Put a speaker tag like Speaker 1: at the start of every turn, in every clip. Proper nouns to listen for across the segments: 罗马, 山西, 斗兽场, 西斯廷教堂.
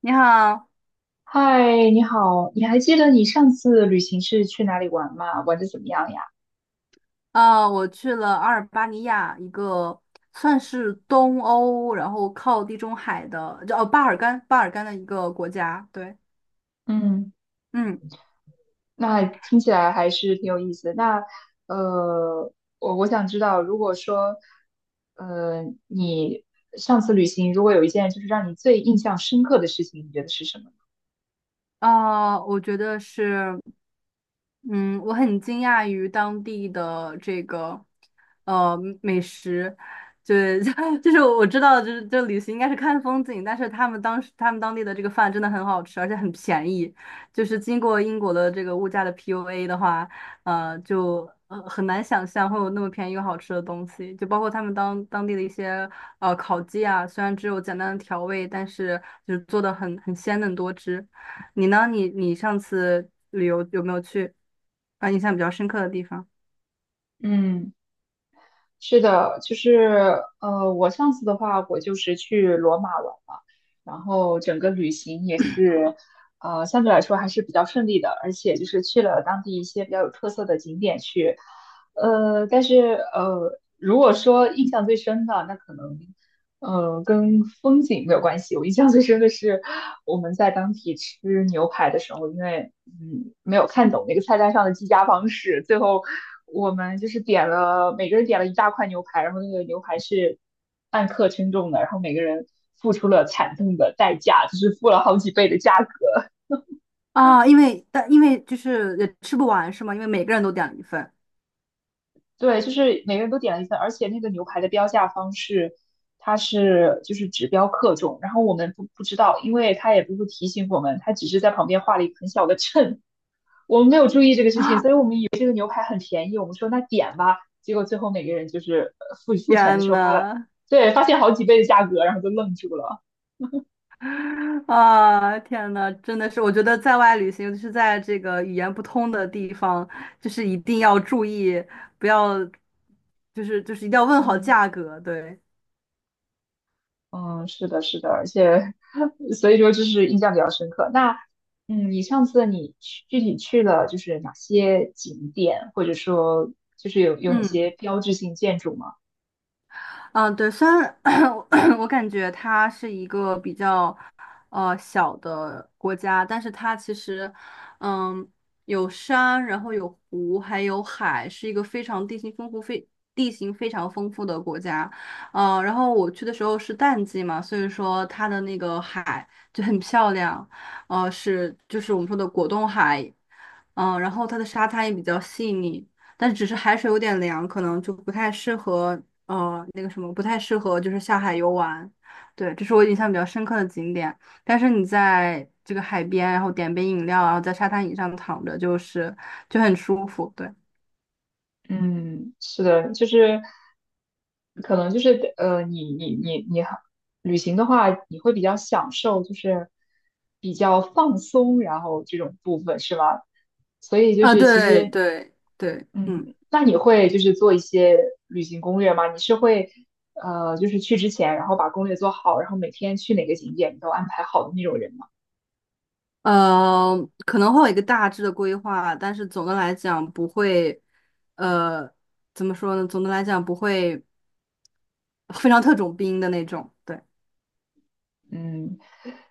Speaker 1: 你好。
Speaker 2: 嗨，你好，你还记得你上次旅行是去哪里玩吗？玩的怎么样呀？
Speaker 1: 我去了阿尔巴尼亚一个，算是东欧，然后靠地中海的，叫巴尔干的一个国家。对。
Speaker 2: 嗯，
Speaker 1: 嗯。
Speaker 2: 那听起来还是挺有意思的。那呃，我想知道，如果说你上次旅行，如果有一件就是让你最印象深刻的事情，你觉得是什么
Speaker 1: 啊，我觉得是，嗯，我很惊讶于当地的这个呃美食。就 就是我知道，就是这旅行应该是看风景，但是他们当地的这个饭真的很好吃，而且很便宜，就是经过英国的这个物价的 PUA 的话，就很难想象会有那么便宜又好吃的东西，就包括他们当地的一些烤鸡啊，虽然只有简单的调味，但是就是做的很鲜嫩多汁。你呢？你上次旅游有没有去啊？印象比较深刻的地方
Speaker 2: 呢？是的，就是我上次的话，我就是去罗马玩嘛，然后整个旅行也是，呃，相对来说还是比较顺利的，而且就是去了当地一些比较有特色的景点去，但是呃，如果说印象最深的，那可能，呃，跟风景没有关系，我印象最深的是我们在当地吃牛排的时候，因为嗯，没有看懂那个菜单上的计价方式。最后我们就是点了，每个人点了一大块牛排，然后那个牛排是按克称重的，然后每个人付出了惨痛的代价，就是付了好几倍的价格。
Speaker 1: 啊？因为因为就是也吃不完是吗？因为每个人都点了一份。
Speaker 2: 对，就是每个人都点了一份，而且那个牛排的标价方式，它是就是只标克重，然后我们不知道，因为他也不会提醒我们，他只是在旁边画了一个很小的秤，我们没有注意这个事情，所以我们以为这个牛排很便宜，我们说那点吧，结果最后每个人就是付钱的
Speaker 1: 天
Speaker 2: 时候发了，
Speaker 1: 呐。
Speaker 2: 对，发现好几倍的价格，然后就愣住了。
Speaker 1: 啊，天呐，真的是。我觉得在外旅行，尤其是在这个语言不通的地方，就是一定要注意，不要，就是一定要问好
Speaker 2: 嗯
Speaker 1: 价格，对。
Speaker 2: 嗯，是的，是的，而且 所以说就是印象比较深刻。那嗯，你上次你去具体去了就是哪些景点，或者说就是有哪
Speaker 1: 嗯。
Speaker 2: 些标志性建筑吗？
Speaker 1: 嗯，对，虽然 我感觉它是一个比较小的国家，但是它其实嗯有山，然后有湖，还有海，是一个非常地形丰富、非地形非常丰富的国家。然后我去的时候是淡季嘛，所以说它的那个海就很漂亮。是就是我们说的果冻海。然后它的沙滩也比较细腻，但只是海水有点凉，可能就不太适合。那个什么不太适合，就是下海游玩。对，这是我印象比较深刻的景点。但是你在这个海边，然后点杯饮料，然后在沙滩椅上躺着，就是就很舒服。对。
Speaker 2: 嗯，是的，就是可能就是你好旅行的话，你会比较享受，就是比较放松，然后这种部分是吗？所以就
Speaker 1: 啊、
Speaker 2: 是其
Speaker 1: 对
Speaker 2: 实，
Speaker 1: 对对，
Speaker 2: 嗯，
Speaker 1: 嗯。
Speaker 2: 那你会就是做一些旅行攻略吗？你是会呃，就是去之前，然后把攻略做好，然后每天去哪个景点你都安排好的那种人吗？
Speaker 1: 呃，可能会有一个大致的规划，但是总的来讲不会。呃，怎么说呢？总的来讲不会非常特种兵的那种。对。
Speaker 2: 嗯，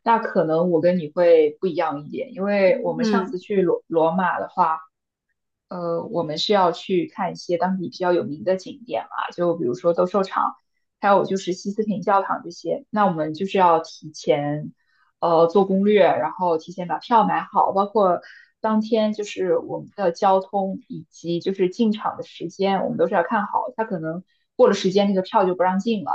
Speaker 2: 那可能我跟你会不一样一点，因为我们上
Speaker 1: 嗯。
Speaker 2: 次去罗马的话。呃，我们是要去看一些当地比较有名的景点嘛，就比如说斗兽场，还有就是西斯廷教堂这些。那我们就是要提前，呃，做攻略，然后提前把票买好，包括当天就是我们的交通以及就是进场的时间，我们都是要看好。它可能过了时间，那个票就不让进了。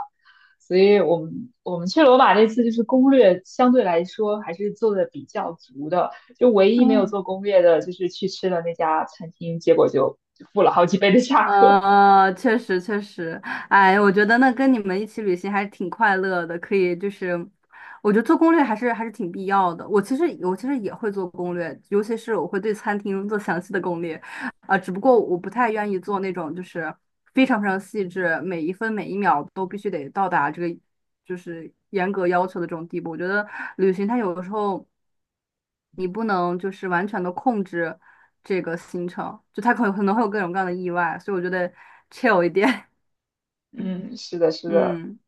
Speaker 2: 所以我们去罗马这次就是攻略相对来说还是做的比较足的。就唯一没有做攻略的，就是去吃了那家餐厅，结果就付了好几倍的价格。
Speaker 1: 确实确实。哎，我觉得那跟你们一起旅行还是挺快乐的，可以就是，我觉得做攻略还是还是挺必要的。我其实也会做攻略，尤其是我会对餐厅做详细的攻略。啊、只不过我不太愿意做那种就是非常非常细致，每一分每一秒都必须得到达这个。就是严格要求的这种地步。我觉得旅行它有的时候你不能就是完全的控制这个行程，就它可能会有各种各样的意外，所以我觉得 chill 一点。
Speaker 2: 嗯，是的，是的，
Speaker 1: 嗯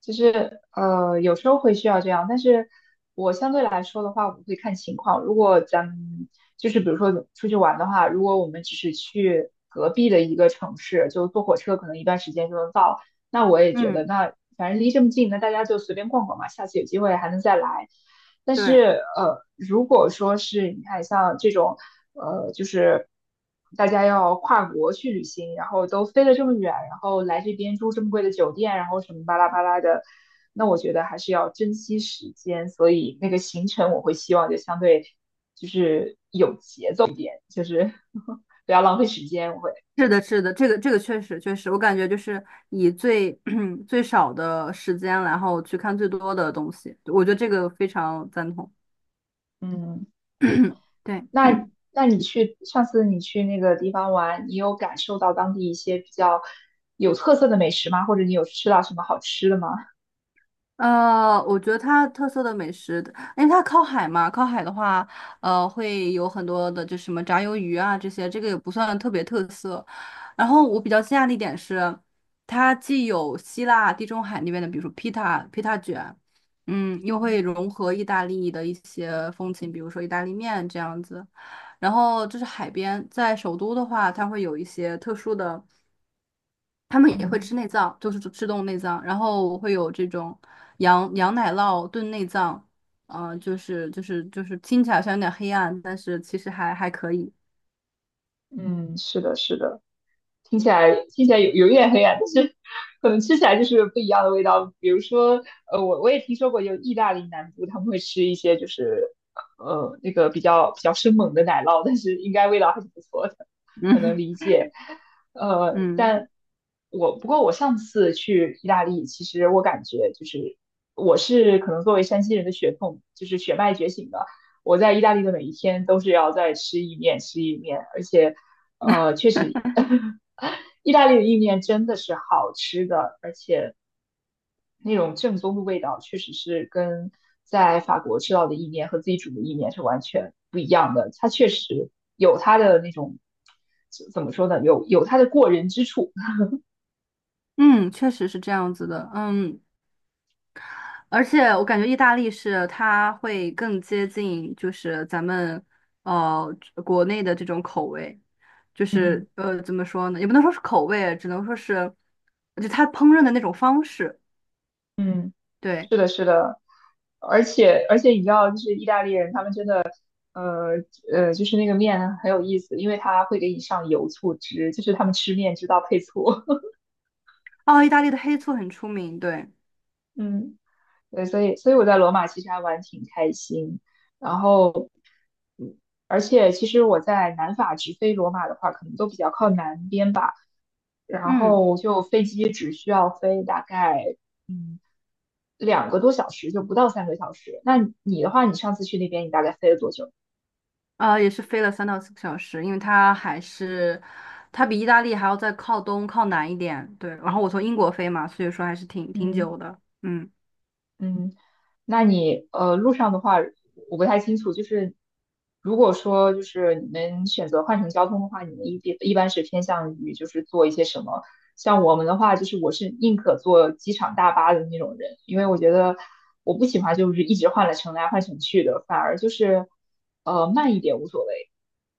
Speaker 2: 就是有时候会需要这样，但是我相对来说的话，我会看情况。如果咱们就是比如说出去玩的话，如果我们只是去隔壁的一个城市，就坐火车可能一段时间就能到。那我也觉得，
Speaker 1: 嗯，
Speaker 2: 那反正离这么近，那大家就随便逛逛嘛，下次有机会还能再来。但是
Speaker 1: 对。
Speaker 2: 如果说是你看像这种，呃，就是大家要跨国去旅行，然后都飞了这么远，然后来这边住这么贵的酒店，然后什么巴拉巴拉的，那我觉得还是要珍惜时间。所以那个行程我会希望就相对就是有，就是 不要浪费时间，我会。
Speaker 1: 是的，是的，这个确实确实。我感觉就是以最 最少的时间，然后去看最多的东西，我觉得这个非常赞同。
Speaker 2: 嗯。
Speaker 1: 对。
Speaker 2: 那你去上次你去那个地方玩，你有感受到当地一些比较有特色的美食吗？或者你有吃到什么好吃的吗？
Speaker 1: 我觉得它特色的美食，因为它靠海嘛，靠海的话，会有很多的，就什么炸鱿鱼啊这些，这个也不算特别特色。然后我比较惊讶的一点是，它既有希腊、地中海那边的，比如说披萨、披萨卷，又会
Speaker 2: 嗯
Speaker 1: 融合意大利的一些风情，比如说意大利面这样子。然后这是海边，在首都的话，它会有一些特殊的。他们也会吃
Speaker 2: 嗯
Speaker 1: 内脏，就是吃动物内脏，然后我会有这种羊奶酪炖内脏。就是听起来好像有点黑暗，但是其实还可以。
Speaker 2: 嗯，是的，是的。听起来听起来有一点黑暗，但是可能吃起来就是不一样的味道。比如说，我也听说过有意大利南部他们会吃一些就是那个比较生猛的奶酪，但是应该味道还是不错的，可能
Speaker 1: 嗯
Speaker 2: 理解。呃，
Speaker 1: 嗯
Speaker 2: 但我不过我上次去意大利，其实我感觉就是我是可能作为山西人的血统就是血脉觉醒的，我在意大利的每一天都是要在吃意面吃意面，而且。呃，确实 意大利的意面真的是好吃的，而且那种正宗的味道，确实是跟在法国吃到的意面和自己煮的意面是完全不一样的。它确实有它的那种，怎么说呢？有它的过人之处。
Speaker 1: 嗯，确实是这样子的。嗯，而且我感觉意大利是它会更接近就是咱们呃国内的这种口味。就
Speaker 2: 嗯
Speaker 1: 是怎么说呢，也不能说是口味，只能说是就它烹饪的那种方式。
Speaker 2: 嗯，
Speaker 1: 对。
Speaker 2: 是的，是的，而且你知道，就是意大利人他们真的，呃就是那个面很有意思，因为他会给你上油醋汁，就是他们吃面知道配醋。
Speaker 1: 哦，意大利的黑醋很出名，对。
Speaker 2: 嗯。对，所以我在罗马其实还玩挺开心。然后，嗯，而且其实我在南法直飞罗马的话，可能都比较靠南边吧。然
Speaker 1: 嗯。
Speaker 2: 后就飞机只需要飞大概嗯两个多小时，就不到三个小时。那你的话，你上次去那边你大概飞了多久？
Speaker 1: 也是飞了3到4个小时，因为它还是它比意大利还要再靠东靠南一点，对。然后我从英国飞嘛，所以说还是挺
Speaker 2: 嗯，
Speaker 1: 久的，嗯。
Speaker 2: 嗯，那你路上的话，我不太清楚，就是如果说就是你们选择换乘交通的话，你们一般是偏向于就是做一些什么？像我们的话，就是我是宁可坐机场大巴的那种人，因为我觉得我不喜欢就是一直换来乘来换乘去的，反而就是慢一点无所谓。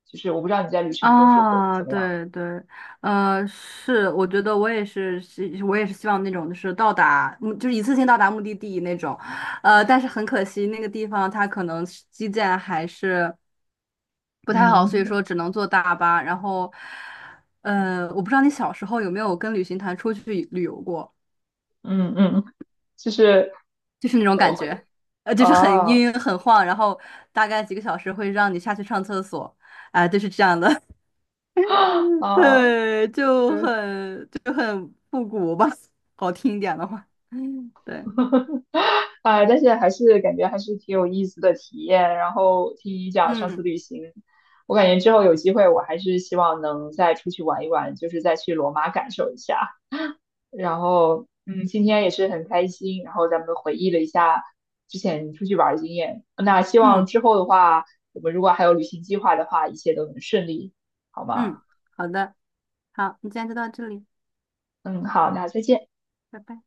Speaker 2: 就是我不知道你在旅程中是会
Speaker 1: 啊，
Speaker 2: 怎么样。
Speaker 1: 对对，是，我觉得我也是，是我也是希望那种就是到达，就是一次性到达目的地那种。但是很可惜，那个地方它可能是基建还是不太好，所以
Speaker 2: 嗯
Speaker 1: 说只能坐大巴。然后，我不知道你小时候有没有跟旅行团出去旅游过，
Speaker 2: 嗯嗯，就是
Speaker 1: 就是那种感觉。
Speaker 2: 会
Speaker 1: 就是很
Speaker 2: 啊
Speaker 1: 晕很晃，然后大概几个小时会让你下去上厕所。啊、就是这样的，
Speaker 2: 啊，
Speaker 1: 对，就
Speaker 2: 对。
Speaker 1: 很复古吧，好听一点的话，对。
Speaker 2: 啊，但是还是感觉还是挺有意思的体验。然后听你讲上次
Speaker 1: 嗯
Speaker 2: 旅行，我感觉之后有机会，我还是希望能再出去玩一玩，就是再去罗马感受一下。然后，嗯，今天也是很开心，然后咱们回忆了一下之前出去玩的经验。那希望
Speaker 1: 嗯
Speaker 2: 之后的话，我们如果还有旅行计划的话，一切都能顺利，好吗？
Speaker 1: 嗯，好的。好，你今天就到这里。
Speaker 2: 嗯，好，那再见。
Speaker 1: 拜拜。